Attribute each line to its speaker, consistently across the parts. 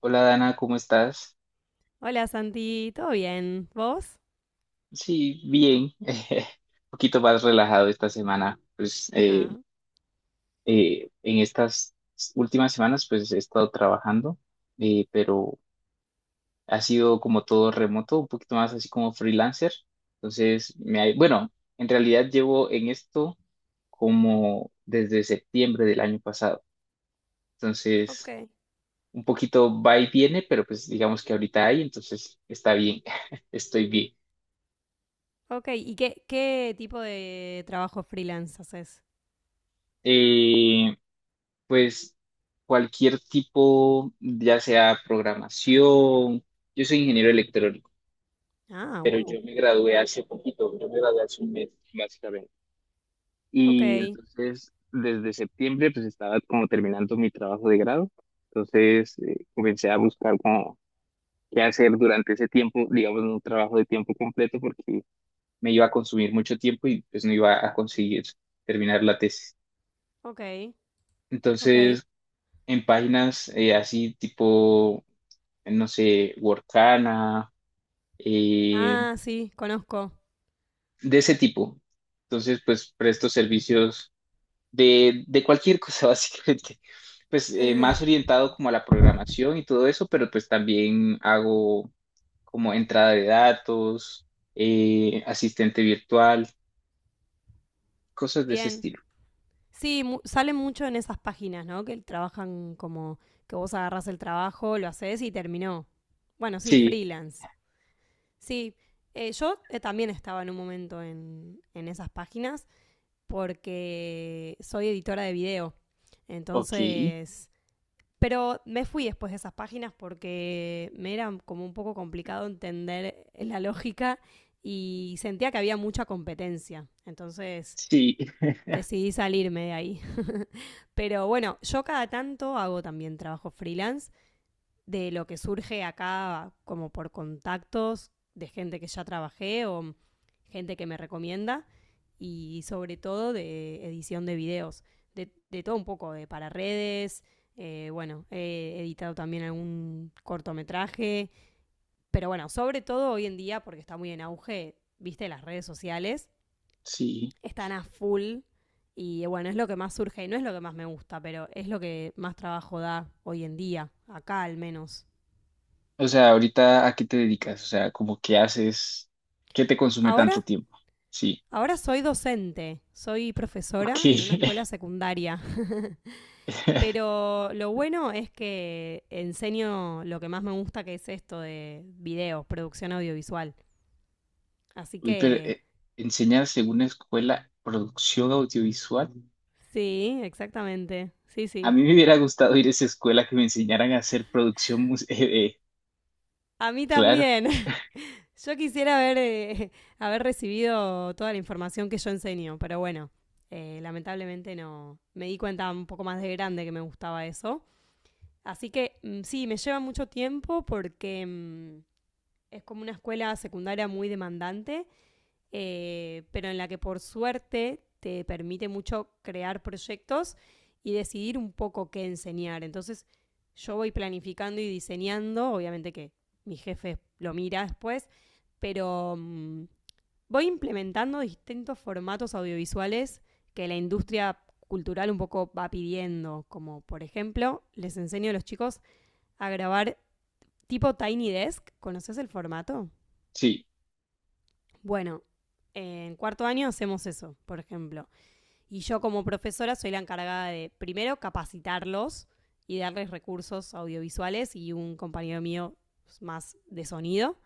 Speaker 1: Hola Dana, ¿cómo estás?
Speaker 2: Hola Santi, ¿todo bien? ¿Vos?
Speaker 1: Sí, bien, un poquito más relajado esta semana. Pues
Speaker 2: Ah,
Speaker 1: en estas últimas semanas pues he estado trabajando, pero ha sido como todo remoto, un poquito más así como freelancer. Entonces, bueno, en realidad llevo en esto como desde septiembre del año pasado. Entonces,
Speaker 2: Ok.
Speaker 1: un poquito va y viene, pero pues digamos que ahorita hay, entonces está bien, estoy bien.
Speaker 2: Ok. ¿Y qué tipo de trabajo freelance haces?
Speaker 1: Eh, pues cualquier tipo, ya sea programación, yo soy ingeniero electrónico,
Speaker 2: Ah,
Speaker 1: pero
Speaker 2: wow.
Speaker 1: yo me gradué hace poquito, yo me gradué hace un mes, básicamente.
Speaker 2: Ok,
Speaker 1: Y entonces, desde septiembre, pues estaba como terminando mi trabajo de grado, entonces comencé a buscar como qué hacer durante ese tiempo, digamos, un trabajo de tiempo completo, porque me iba a consumir mucho tiempo y pues no iba a conseguir terminar la tesis.
Speaker 2: ok, ok.
Speaker 1: Entonces, en páginas así tipo no sé, Workana, eh,
Speaker 2: Ah, sí, conozco.
Speaker 1: de ese tipo. Entonces, pues presto servicios de cualquier cosa, básicamente. Pues más orientado como a la programación y todo eso, pero pues también hago como entrada de datos, asistente virtual, cosas de ese
Speaker 2: Bien.
Speaker 1: estilo.
Speaker 2: Sí, sale mucho en esas páginas, ¿no? Que trabajan como que vos agarrás el trabajo, lo haces y terminó. Bueno, sí,
Speaker 1: Sí,
Speaker 2: freelance. Sí, yo también estaba en un momento en esas páginas porque soy editora de video.
Speaker 1: ok,
Speaker 2: Entonces, pero me fui después de esas páginas porque me era como un poco complicado entender la lógica y sentía que había mucha competencia. Entonces
Speaker 1: sí,
Speaker 2: decidí salirme de ahí. Pero bueno, yo cada tanto hago también trabajo freelance de lo que surge acá como por contactos de gente que ya trabajé o gente que me recomienda y sobre todo de edición de videos, de todo un poco, de para redes, bueno, he editado también algún cortometraje, pero bueno, sobre todo hoy en día, porque está muy en auge, viste, las redes sociales
Speaker 1: sí.
Speaker 2: están a full y bueno, es lo que más surge y no es lo que más me gusta, pero es lo que más trabajo da hoy en día, acá al menos.
Speaker 1: O sea, ahorita, ¿a qué te dedicas? O sea, como qué haces, qué te consume
Speaker 2: Ahora
Speaker 1: tanto tiempo. Sí,
Speaker 2: Ahora soy docente, soy
Speaker 1: ok.
Speaker 2: profesora en una escuela secundaria. Pero lo bueno es que enseño lo que más me gusta, que es esto de videos, producción audiovisual. Así
Speaker 1: Uy, pero
Speaker 2: que
Speaker 1: enseñan según una escuela producción audiovisual.
Speaker 2: sí, exactamente, sí,
Speaker 1: A
Speaker 2: sí.
Speaker 1: mí me hubiera gustado ir a esa escuela que me enseñaran a hacer producción eh,
Speaker 2: A mí
Speaker 1: claro,
Speaker 2: también. Yo quisiera haber, haber recibido toda la información que yo enseño, pero bueno, lamentablemente no. Me di cuenta un poco más de grande que me gustaba eso. Así que sí, me lleva mucho tiempo porque es como una escuela secundaria muy demandante, pero en la que por suerte te permite mucho crear proyectos y decidir un poco qué enseñar. Entonces yo voy planificando y diseñando, obviamente que mi jefe lo mira después, pero voy implementando distintos formatos audiovisuales que la industria cultural un poco va pidiendo, como por ejemplo les enseño a los chicos a grabar tipo Tiny Desk. ¿Conoces el formato?
Speaker 1: sí,
Speaker 2: Bueno, en cuarto año hacemos eso, por ejemplo. Y yo como profesora soy la encargada de, primero, capacitarlos y darles recursos audiovisuales y un compañero mío más de sonido.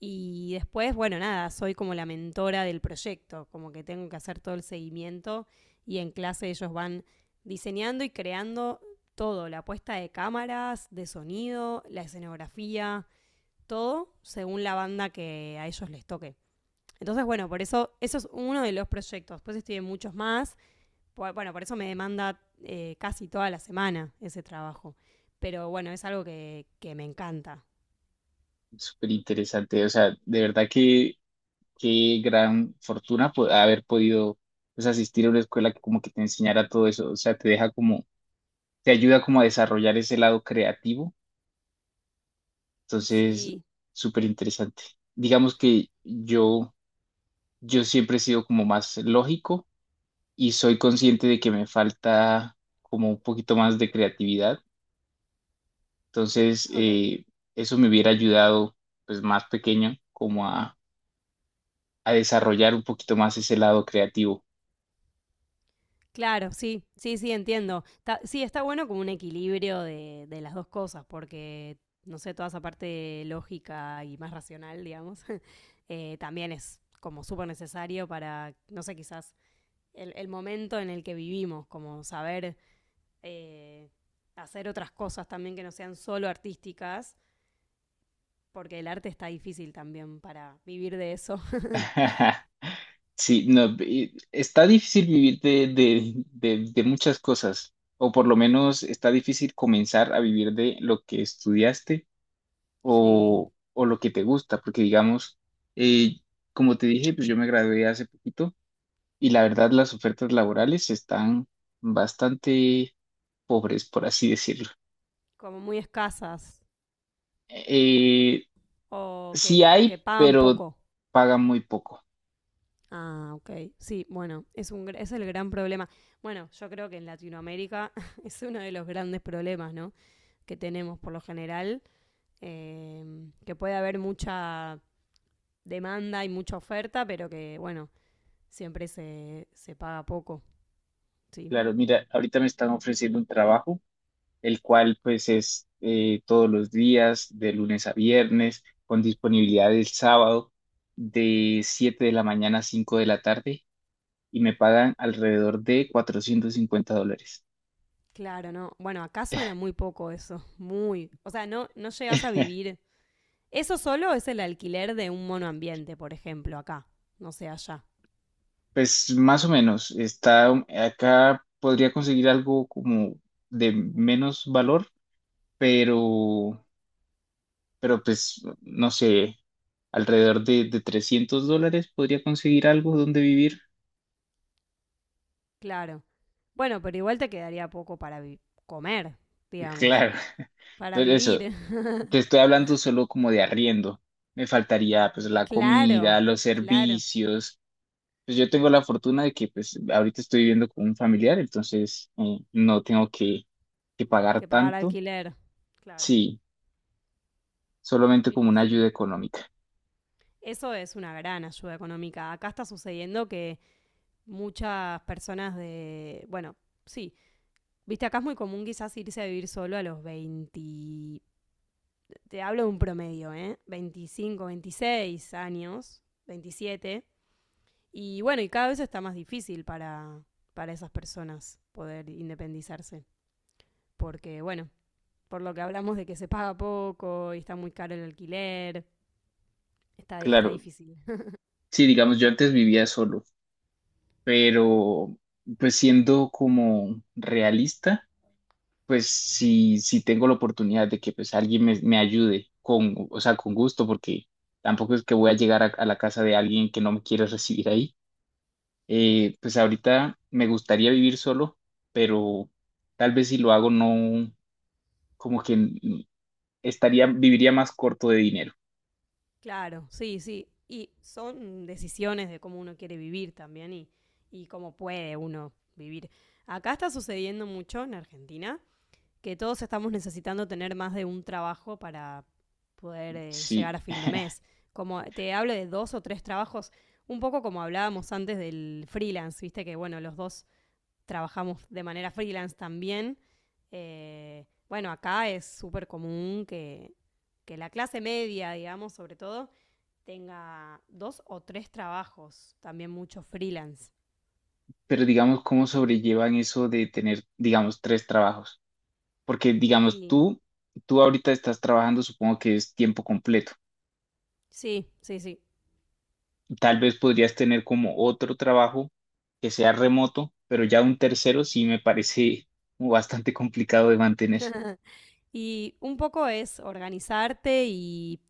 Speaker 2: Y después, bueno, nada, soy como la mentora del proyecto, como que tengo que hacer todo el seguimiento y en clase ellos van diseñando y creando todo, la puesta de cámaras, de sonido, la escenografía, todo según la banda que a ellos les toque. Entonces, bueno, por eso, eso es uno de los proyectos. Después estoy en muchos más. Bueno, por eso me demanda casi toda la semana ese trabajo. Pero bueno, es algo que me encanta.
Speaker 1: súper interesante. O sea, de verdad que qué gran fortuna haber podido pues, asistir a una escuela que como que te enseñara todo eso. O sea, te ayuda como a desarrollar ese lado creativo. Entonces,
Speaker 2: Sí,
Speaker 1: súper interesante. Digamos que yo siempre he sido como más lógico y soy consciente de que me falta como un poquito más de creatividad. Entonces,
Speaker 2: Ok.
Speaker 1: eso me hubiera ayudado, pues más pequeño, como a desarrollar un poquito más ese lado creativo.
Speaker 2: Claro, sí, sí, sí, entiendo. Sí, está bueno como un equilibrio de las dos cosas, porque, no sé, toda esa parte lógica y más racional, digamos. También es como súper necesario para, no sé, quizás el momento en el que vivimos, como saber eh, hacer otras cosas también que no sean solo artísticas, porque el arte está difícil también para vivir de eso.
Speaker 1: Sí, no, está difícil vivir de muchas cosas, o por lo menos está difícil comenzar a vivir de lo que estudiaste
Speaker 2: Sí,
Speaker 1: o lo que te gusta, porque digamos, eh, como te dije, pues yo me gradué hace poquito. Y la verdad, las ofertas laborales están bastante pobres, por así decirlo.
Speaker 2: como muy escasas
Speaker 1: Eh,
Speaker 2: o que,
Speaker 1: sí
Speaker 2: o que
Speaker 1: hay,
Speaker 2: pagan
Speaker 1: pero
Speaker 2: poco.
Speaker 1: pagan muy poco.
Speaker 2: Ah, ok. Sí, bueno, es el gran problema. Bueno, yo creo que en Latinoamérica es uno de los grandes problemas, ¿no? Que tenemos por lo general, que puede haber mucha demanda y mucha oferta, pero que, bueno, siempre se paga poco, sí.
Speaker 1: Claro, mira, ahorita me están ofreciendo un trabajo, el cual pues es todos los días, de lunes a viernes, con disponibilidad el sábado, de 7 de la mañana a 5 de la tarde, y me pagan alrededor de 450 dólares.
Speaker 2: Claro, no. Bueno, acá suena muy poco eso. Muy. O sea, no, no llegas a vivir. Eso solo es el alquiler de un monoambiente, por ejemplo, acá. No sé, allá.
Speaker 1: Pues más o menos, está acá podría conseguir algo como de menos valor, pero, pero pues no sé, alrededor de 300 dólares podría conseguir algo donde vivir.
Speaker 2: Claro. Bueno, pero igual te quedaría poco para comer, digamos.
Speaker 1: Claro,
Speaker 2: Para
Speaker 1: pero eso,
Speaker 2: vivir.
Speaker 1: te estoy hablando solo como de arriendo. Me faltaría pues la
Speaker 2: Claro,
Speaker 1: comida, los
Speaker 2: claro.
Speaker 1: servicios. Pues yo tengo la fortuna de que pues ahorita estoy viviendo con un familiar, entonces no tengo que, pagar
Speaker 2: Que pagar
Speaker 1: tanto.
Speaker 2: alquiler. Claro.
Speaker 1: Sí, solamente como
Speaker 2: Y
Speaker 1: una ayuda
Speaker 2: sí.
Speaker 1: económica.
Speaker 2: Eso es una gran ayuda económica. Acá está sucediendo que muchas personas bueno, sí, viste, acá es muy común quizás irse a vivir solo a los 20, te hablo de un promedio, ¿eh? 25, 26 años, 27. Y bueno, y cada vez está más difícil para esas personas poder independizarse. Porque bueno, por lo que hablamos de que se paga poco y está muy caro el alquiler, está, está
Speaker 1: Claro,
Speaker 2: difícil.
Speaker 1: sí, digamos, yo antes vivía solo, pero pues siendo como realista, pues si tengo la oportunidad de que pues alguien me ayude con, o sea, con gusto, porque tampoco es que voy a llegar a la casa de alguien que no me quiere recibir ahí. Pues ahorita me gustaría vivir solo, pero tal vez si lo hago no, como que estaría, viviría más corto de dinero.
Speaker 2: Claro, sí, sí. Y son decisiones de cómo uno quiere vivir también y cómo puede uno vivir. Acá está sucediendo mucho en Argentina que todos estamos necesitando tener más de un trabajo para poder llegar
Speaker 1: Sí.
Speaker 2: a fin de mes. Como te hablo de dos o tres trabajos, un poco como hablábamos antes del freelance, viste que bueno, los dos trabajamos de manera freelance también. Bueno, acá es súper común que la clase media, digamos, sobre todo, tenga dos o tres trabajos, también mucho freelance.
Speaker 1: Pero digamos, ¿cómo sobrellevan eso de tener, digamos, tres trabajos? Porque, digamos,
Speaker 2: Y
Speaker 1: tú ahorita estás trabajando, supongo que es tiempo completo.
Speaker 2: sí, sí, sí.
Speaker 1: Tal vez podrías tener como otro trabajo que sea remoto, pero ya un tercero sí me parece como bastante complicado de mantener.
Speaker 2: Y un poco es organizarte y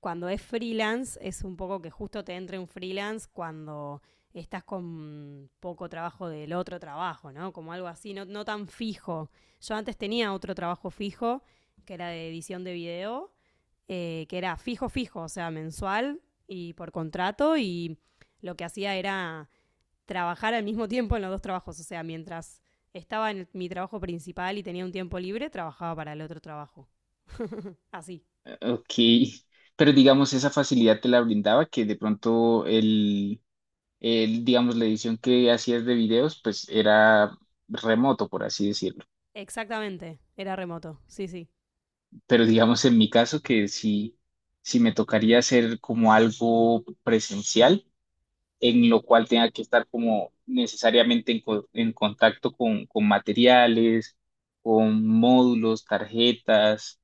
Speaker 2: cuando es freelance es un poco que justo te entre un freelance cuando estás con poco trabajo del otro trabajo, ¿no? Como algo así, no, no tan fijo. Yo antes tenía otro trabajo fijo, que era de edición de video, que era fijo, fijo, o sea, mensual y por contrato, y lo que hacía era trabajar al mismo tiempo en los dos trabajos, o sea, mientras estaba en mi trabajo principal y tenía un tiempo libre, trabajaba para el otro trabajo. Así,
Speaker 1: Ok, pero digamos, esa facilidad te la brindaba que de pronto el, digamos, la edición que hacías de videos, pues era remoto, por así decirlo.
Speaker 2: exactamente, era remoto, sí, sí.
Speaker 1: Pero digamos en mi caso que sí, sí me tocaría hacer como algo presencial, en lo cual tenga que estar como necesariamente en contacto con materiales, con módulos, tarjetas,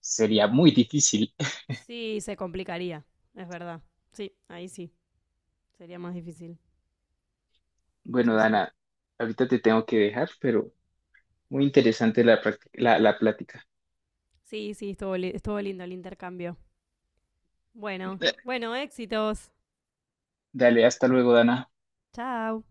Speaker 1: sería muy difícil.
Speaker 2: Sí, se complicaría, es verdad. Sí, ahí sí, sería más difícil.
Speaker 1: Bueno,
Speaker 2: Sí, sí.
Speaker 1: Dana, ahorita te tengo que dejar, pero muy interesante la plática.
Speaker 2: Sí, sí, estuvo, estuvo lindo el intercambio. Bueno, bueno, éxitos.
Speaker 1: Dale, hasta luego, Dana.
Speaker 2: Chao.